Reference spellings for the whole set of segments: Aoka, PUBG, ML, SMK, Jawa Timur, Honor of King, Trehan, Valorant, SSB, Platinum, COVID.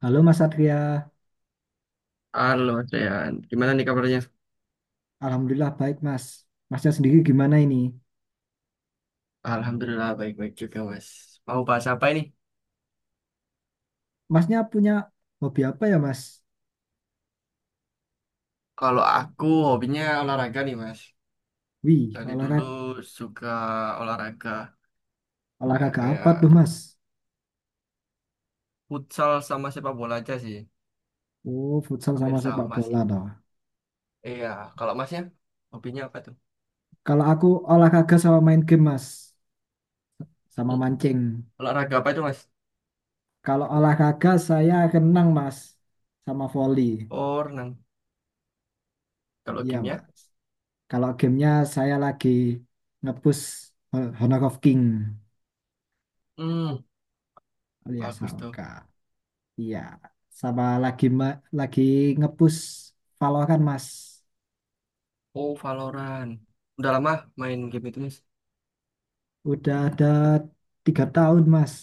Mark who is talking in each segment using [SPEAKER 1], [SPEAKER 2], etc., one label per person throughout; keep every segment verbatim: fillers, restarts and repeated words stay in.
[SPEAKER 1] Halo Mas Satria,
[SPEAKER 2] Halo, Trehan. Gimana nih kabarnya?
[SPEAKER 1] Alhamdulillah baik Mas. Masnya sendiri gimana ini?
[SPEAKER 2] Alhamdulillah, baik-baik juga, Mas. Mau bahas apa ini?
[SPEAKER 1] Masnya punya hobi apa ya Mas?
[SPEAKER 2] Kalau aku hobinya olahraga nih, Mas.
[SPEAKER 1] Wih,
[SPEAKER 2] Dari dulu
[SPEAKER 1] olahraga,
[SPEAKER 2] suka olahraga. Ya,
[SPEAKER 1] olahraga apa tuh
[SPEAKER 2] kayak
[SPEAKER 1] Mas?
[SPEAKER 2] futsal sama sepak bola aja sih.
[SPEAKER 1] Oh, futsal
[SPEAKER 2] Hampir
[SPEAKER 1] sama sepak
[SPEAKER 2] sama
[SPEAKER 1] bola
[SPEAKER 2] sih.
[SPEAKER 1] toh.
[SPEAKER 2] Iya, kalau Masnya hobinya apa tuh?
[SPEAKER 1] Kalau aku olahraga sama main game Mas, sama
[SPEAKER 2] Hmm,
[SPEAKER 1] mancing.
[SPEAKER 2] olahraga apa itu, Mas?
[SPEAKER 1] Kalau olahraga saya renang Mas, sama volley.
[SPEAKER 2] Oh, renang. Kalau
[SPEAKER 1] Iya
[SPEAKER 2] gamenya?
[SPEAKER 1] Mas. Kalau gamenya saya lagi nge-push Honor of King
[SPEAKER 2] Hmm,
[SPEAKER 1] alias
[SPEAKER 2] bagus tuh.
[SPEAKER 1] Aoka. Iya, sama lagi ma- lagi ngepush Valorant Mas.
[SPEAKER 2] Oh, Valorant. Udah lama main game itu, Mas?
[SPEAKER 1] Udah ada tiga tahun Mas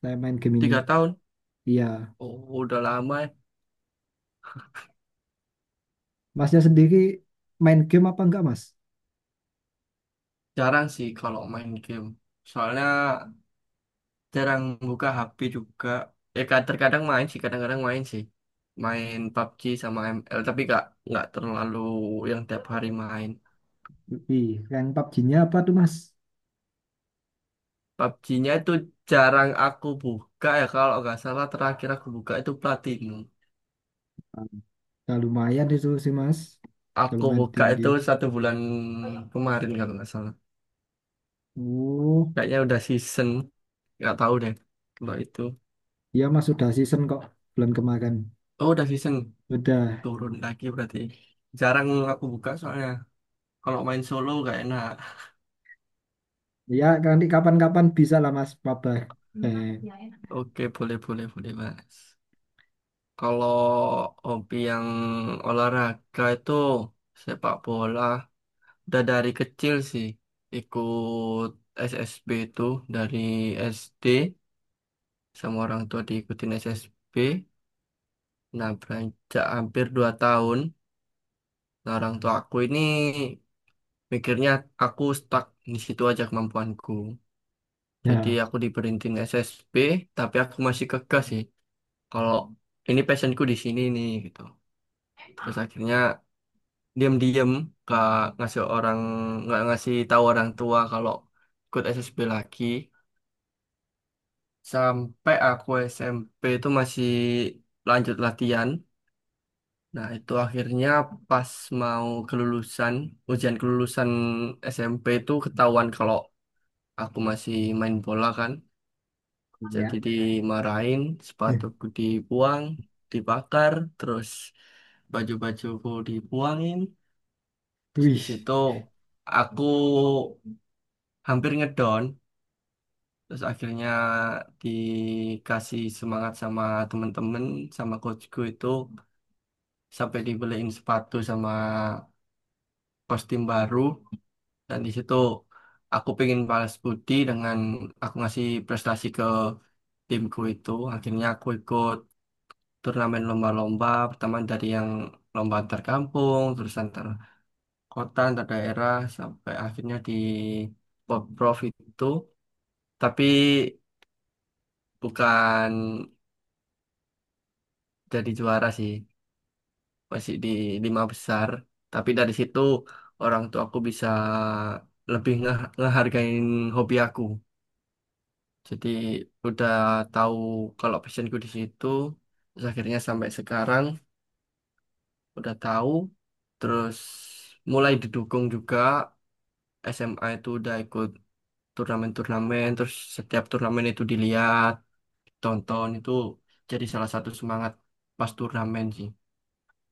[SPEAKER 1] saya main game ini.
[SPEAKER 2] Tiga tahun?
[SPEAKER 1] Iya,
[SPEAKER 2] Oh, udah lama.
[SPEAKER 1] Masnya sendiri main game apa enggak Mas?
[SPEAKER 2] Jarang sih kalau main game. Soalnya jarang buka H P juga. Ya kad- terkadang main sih, kadang-kadang main sih. Main P U B G sama M L, tapi gak, nggak terlalu yang tiap hari main.
[SPEAKER 1] Wih, rank P U B G-nya apa tuh Mas?
[SPEAKER 2] P U B G-nya itu jarang aku buka ya, kalau nggak salah terakhir aku buka itu Platinum.
[SPEAKER 1] Ah, Udah lumayan itu sih Mas, udah
[SPEAKER 2] Aku
[SPEAKER 1] lumayan
[SPEAKER 2] buka
[SPEAKER 1] tinggi.
[SPEAKER 2] itu satu bulan kemarin kalau nggak salah.
[SPEAKER 1] Oh,
[SPEAKER 2] Kayaknya udah season, nggak tahu deh kalau itu.
[SPEAKER 1] iya Mas sudah season kok bulan kemarin.
[SPEAKER 2] Oh udah season,
[SPEAKER 1] Udah,
[SPEAKER 2] turun lagi berarti. Jarang aku buka soalnya. Kalau main solo gak enak.
[SPEAKER 1] ya nanti kapan-kapan bisa lah Mas, papa Eh,
[SPEAKER 2] Oke, boleh, boleh, boleh, Mas. Kalau hobi yang olahraga itu sepak bola. Udah dari kecil sih ikut S S B itu dari S D sama orang tua diikutin S S B. Nah, beranjak hampir dua tahun, nah, orang tua aku ini mikirnya aku stuck di situ aja kemampuanku. Jadi
[SPEAKER 1] ya,
[SPEAKER 2] aku diberhentiin S S B, tapi aku masih kekeh sih, kalau ini passionku di sini nih gitu. Terus akhirnya diam-diam gak ngasih orang nggak ngasih tahu orang tua kalau ikut S S B lagi sampai aku S M P itu masih lanjut latihan. Nah, itu akhirnya pas mau kelulusan, ujian kelulusan S M P itu ketahuan kalau aku masih main bola kan. Jadi
[SPEAKER 1] iya.
[SPEAKER 2] dimarahin, sepatuku dibuang, dibakar, terus baju-bajuku dibuangin. Terus di
[SPEAKER 1] Wih,
[SPEAKER 2] situ aku hampir ngedon. Terus akhirnya dikasih semangat sama temen-temen, sama coachku itu sampai dibeliin sepatu sama kostum baru. Dan di situ aku pengen balas budi dengan aku ngasih prestasi ke timku itu. Akhirnya aku ikut turnamen lomba-lomba pertama dari yang lomba antar kampung, terus antar kota, antar daerah, sampai akhirnya di Pemprov itu, tapi bukan jadi juara sih, masih di lima besar. Tapi dari situ orang tua aku bisa lebih nge- ngehargain hobi aku. Jadi udah tahu kalau passionku di situ, terus akhirnya sampai sekarang udah tahu, terus mulai didukung juga. S M A itu udah ikut turnamen-turnamen, terus setiap turnamen itu dilihat, tonton itu jadi salah satu semangat pas turnamen sih.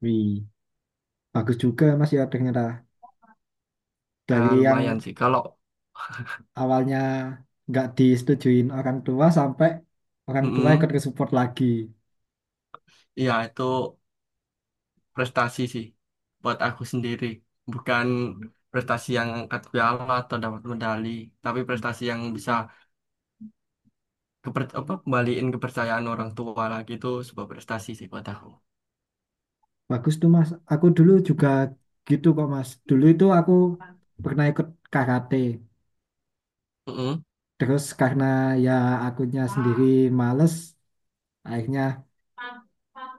[SPEAKER 1] wih. Bagus juga Mas ya ternyata
[SPEAKER 2] Ah,
[SPEAKER 1] dari yang
[SPEAKER 2] lumayan sih. Kalau
[SPEAKER 1] awalnya nggak disetujuin orang tua sampai orang tua ikut
[SPEAKER 2] mm
[SPEAKER 1] ke support lagi.
[SPEAKER 2] ya itu prestasi sih buat aku sendiri, bukan prestasi yang angkat piala atau dapat medali, tapi prestasi yang bisa keper apa kembaliin kepercayaan orang tua lagi. Itu sebuah prestasi sih buat aku.
[SPEAKER 1] Bagus tuh Mas. Aku dulu juga gitu kok Mas. Dulu itu aku pernah ikut karate.
[SPEAKER 2] Mm-mm.
[SPEAKER 1] Terus karena ya akunya sendiri males, akhirnya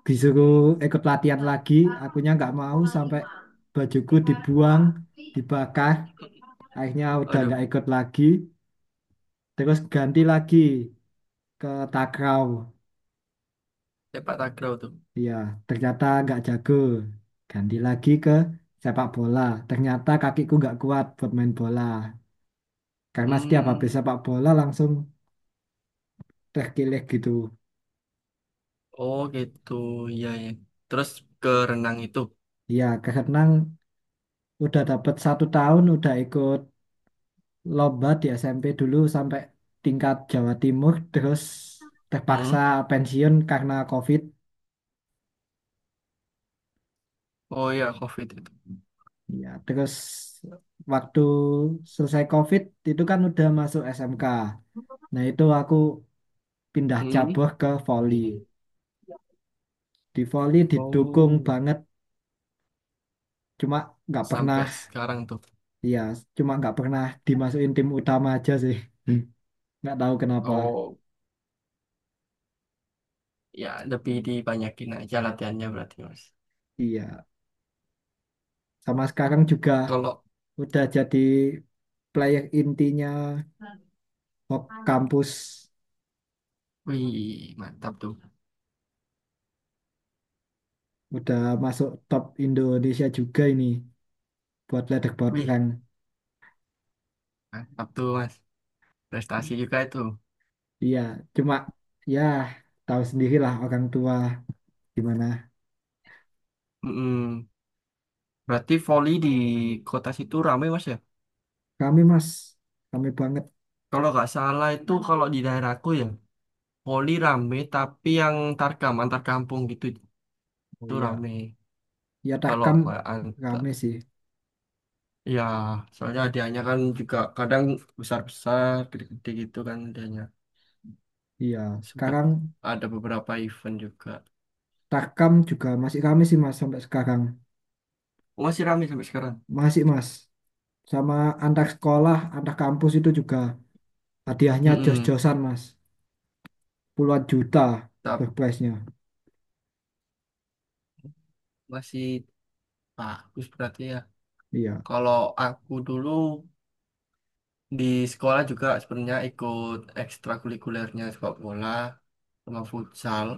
[SPEAKER 1] disuruh ikut latihan lagi. Akunya nggak mau sampai bajuku dibuang, dibakar. Akhirnya udah
[SPEAKER 2] Aduh,
[SPEAKER 1] nggak ikut lagi. Terus ganti lagi ke takraw.
[SPEAKER 2] sepak takraw tuh.
[SPEAKER 1] Iya, ternyata nggak jago. Ganti lagi ke sepak bola. Ternyata kakiku nggak kuat buat main bola. Karena setiap habis
[SPEAKER 2] Hmm.
[SPEAKER 1] sepak bola langsung terkilir gitu.
[SPEAKER 2] Oh gitu, iya ya. Terus ke renang itu.
[SPEAKER 1] Iya, karena udah dapat satu tahun udah ikut lomba di S M P dulu sampai tingkat Jawa Timur. Terus terpaksa
[SPEAKER 2] Hmm.
[SPEAKER 1] pensiun karena COVID.
[SPEAKER 2] Oh iya, COVID itu.
[SPEAKER 1] Iya, terus waktu selesai COVID itu kan udah masuk S M K. Nah itu aku pindah
[SPEAKER 2] Hmm.
[SPEAKER 1] cabur ke volley. Di volley didukung
[SPEAKER 2] Oh,
[SPEAKER 1] banget, cuma nggak pernah,
[SPEAKER 2] sampai sekarang tuh.
[SPEAKER 1] ya cuma nggak pernah dimasukin tim utama aja sih. Hmm. Nggak tahu kenapa.
[SPEAKER 2] Oh, ya lebih dibanyakin aja latihannya berarti mas.
[SPEAKER 1] Iya, sama sekarang juga
[SPEAKER 2] Kalau,
[SPEAKER 1] udah jadi player intinya Hok kampus,
[SPEAKER 2] wih, mantap tuh.
[SPEAKER 1] udah masuk top Indonesia juga ini buat leaderboard
[SPEAKER 2] Wih,
[SPEAKER 1] rank.
[SPEAKER 2] mantap tuh mas. Prestasi juga itu.
[SPEAKER 1] Iya, cuma ya tahu sendirilah orang tua gimana.
[SPEAKER 2] Mm-mm. Berarti voli di kota situ rame mas ya?
[SPEAKER 1] Kami mas, kami banget.
[SPEAKER 2] Kalau nggak salah itu kalau di daerahku ya, voli rame tapi yang tarkam, antar kampung gitu
[SPEAKER 1] Oh
[SPEAKER 2] itu
[SPEAKER 1] iya,
[SPEAKER 2] rame.
[SPEAKER 1] ya
[SPEAKER 2] Kalau
[SPEAKER 1] Tahkam
[SPEAKER 2] kayak ant-
[SPEAKER 1] rame sih.
[SPEAKER 2] Iya, soalnya hadiahnya kan juga kadang besar-besar, gede-gede gitu kan hadiahnya.
[SPEAKER 1] Iya,
[SPEAKER 2] Sempet
[SPEAKER 1] sekarang
[SPEAKER 2] ada beberapa event juga.
[SPEAKER 1] Takam juga masih kami sih mas sampai sekarang.
[SPEAKER 2] Oh, masih ramai sampai sekarang.
[SPEAKER 1] Masih mas, sama antar sekolah antar kampus itu juga hadiahnya
[SPEAKER 2] Mm-mm.
[SPEAKER 1] jos-josan mas, puluhan juta
[SPEAKER 2] Tapi
[SPEAKER 1] surprise-nya.
[SPEAKER 2] masih bagus berarti ya.
[SPEAKER 1] Iya.
[SPEAKER 2] Kalau aku dulu di sekolah juga sebenarnya ikut ekstrakurikulernya sepak bola sama futsal.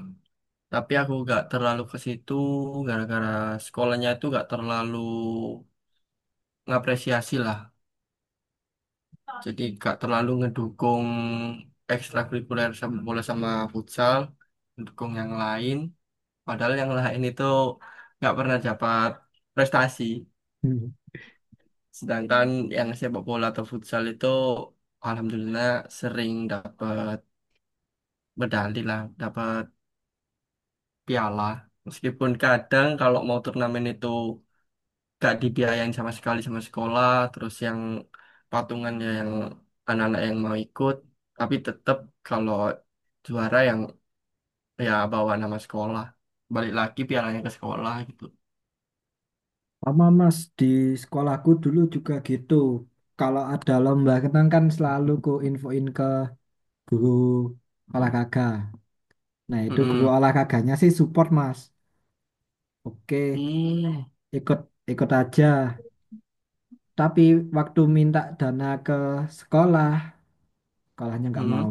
[SPEAKER 2] Tapi aku nggak terlalu ke situ gara-gara sekolahnya itu nggak terlalu ngapresiasi lah. Jadi gak terlalu ngedukung ekstrakurikuler sama bola sama futsal, ngedukung yang lain. Padahal yang lain itu nggak pernah dapat prestasi.
[SPEAKER 1] Hmm.
[SPEAKER 2] Sedangkan yang sepak bola atau futsal itu alhamdulillah sering dapat medali lah, dapat piala. Meskipun kadang kalau mau turnamen itu gak dibiayain sama sekali sama sekolah, terus yang patungan ya yang anak-anak yang mau ikut. Tapi tetap kalau juara yang ya bawa nama sekolah, balik lagi pialanya ke sekolah gitu.
[SPEAKER 1] Sama mas, di sekolahku dulu juga gitu. Kalau ada lomba renang kan selalu ku infoin ke guru olahraga, nah itu guru
[SPEAKER 2] Mm.
[SPEAKER 1] olahraganya sih support mas. Oke, ikut ikut aja, tapi waktu minta dana ke sekolah, sekolahnya nggak mau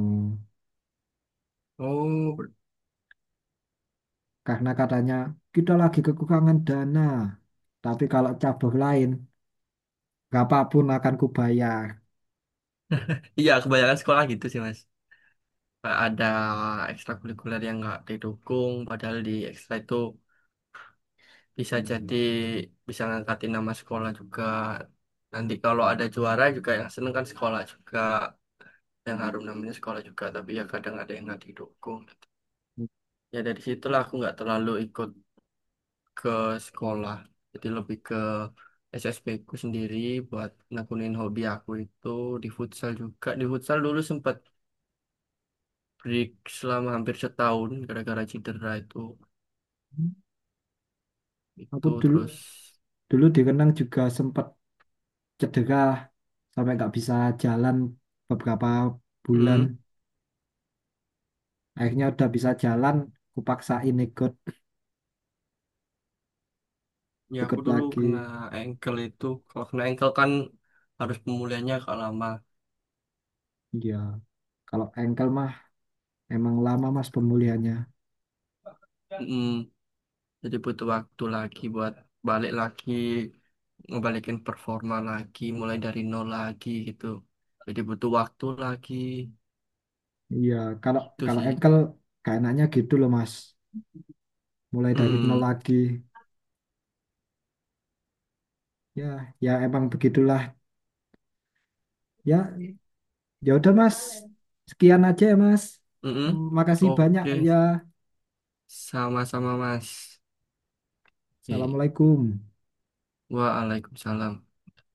[SPEAKER 2] Oh, ber-
[SPEAKER 1] karena katanya kita lagi kekurangan dana. Tapi kalau cabang lain, berapapun akan kubayar.
[SPEAKER 2] iya kebanyakan sekolah gitu sih mas. Kayak ada ekstrakurikuler yang nggak didukung, padahal di ekstra itu bisa jadi bisa ngangkatin nama sekolah juga. Nanti kalau ada juara juga yang seneng kan sekolah juga, yang harum namanya sekolah juga, tapi ya kadang ada yang nggak didukung gitu. Ya dari situlah aku nggak terlalu ikut ke sekolah, jadi lebih ke S S B ku sendiri buat nekunin hobi aku itu. Di futsal juga, di futsal dulu sempat break selama hampir setahun gara-gara cedera itu.
[SPEAKER 1] Aku
[SPEAKER 2] itu
[SPEAKER 1] dulu
[SPEAKER 2] terus
[SPEAKER 1] dulu di Renang juga sempat cedera sampai nggak bisa jalan beberapa bulan.
[SPEAKER 2] hmm,
[SPEAKER 1] Akhirnya udah bisa jalan, kupaksain ikut
[SPEAKER 2] ya aku
[SPEAKER 1] ikut
[SPEAKER 2] dulu
[SPEAKER 1] lagi.
[SPEAKER 2] kena ankle itu. Kalau kena ankle kan harus pemulihannya agak lama.
[SPEAKER 1] Iya, kalau engkel mah emang lama mas pemulihannya.
[SPEAKER 2] Mm, jadi butuh waktu lagi buat balik lagi, ngebalikin performa lagi, mulai dari nol lagi gitu. Jadi butuh waktu lagi
[SPEAKER 1] Iya, kalau
[SPEAKER 2] gitu
[SPEAKER 1] kalau
[SPEAKER 2] sih.
[SPEAKER 1] engkel kayak enaknya gitu loh mas. Mulai dari nol
[SPEAKER 2] Mm-mm.
[SPEAKER 1] lagi. Ya, ya emang begitulah. Ya, Ya udah Mas, sekian aja ya Mas.
[SPEAKER 2] Mm-mm.
[SPEAKER 1] Makasih banyak
[SPEAKER 2] Oke,
[SPEAKER 1] ya.
[SPEAKER 2] sama-sama Mas. Oke,
[SPEAKER 1] Assalamualaikum.
[SPEAKER 2] Waalaikumsalam.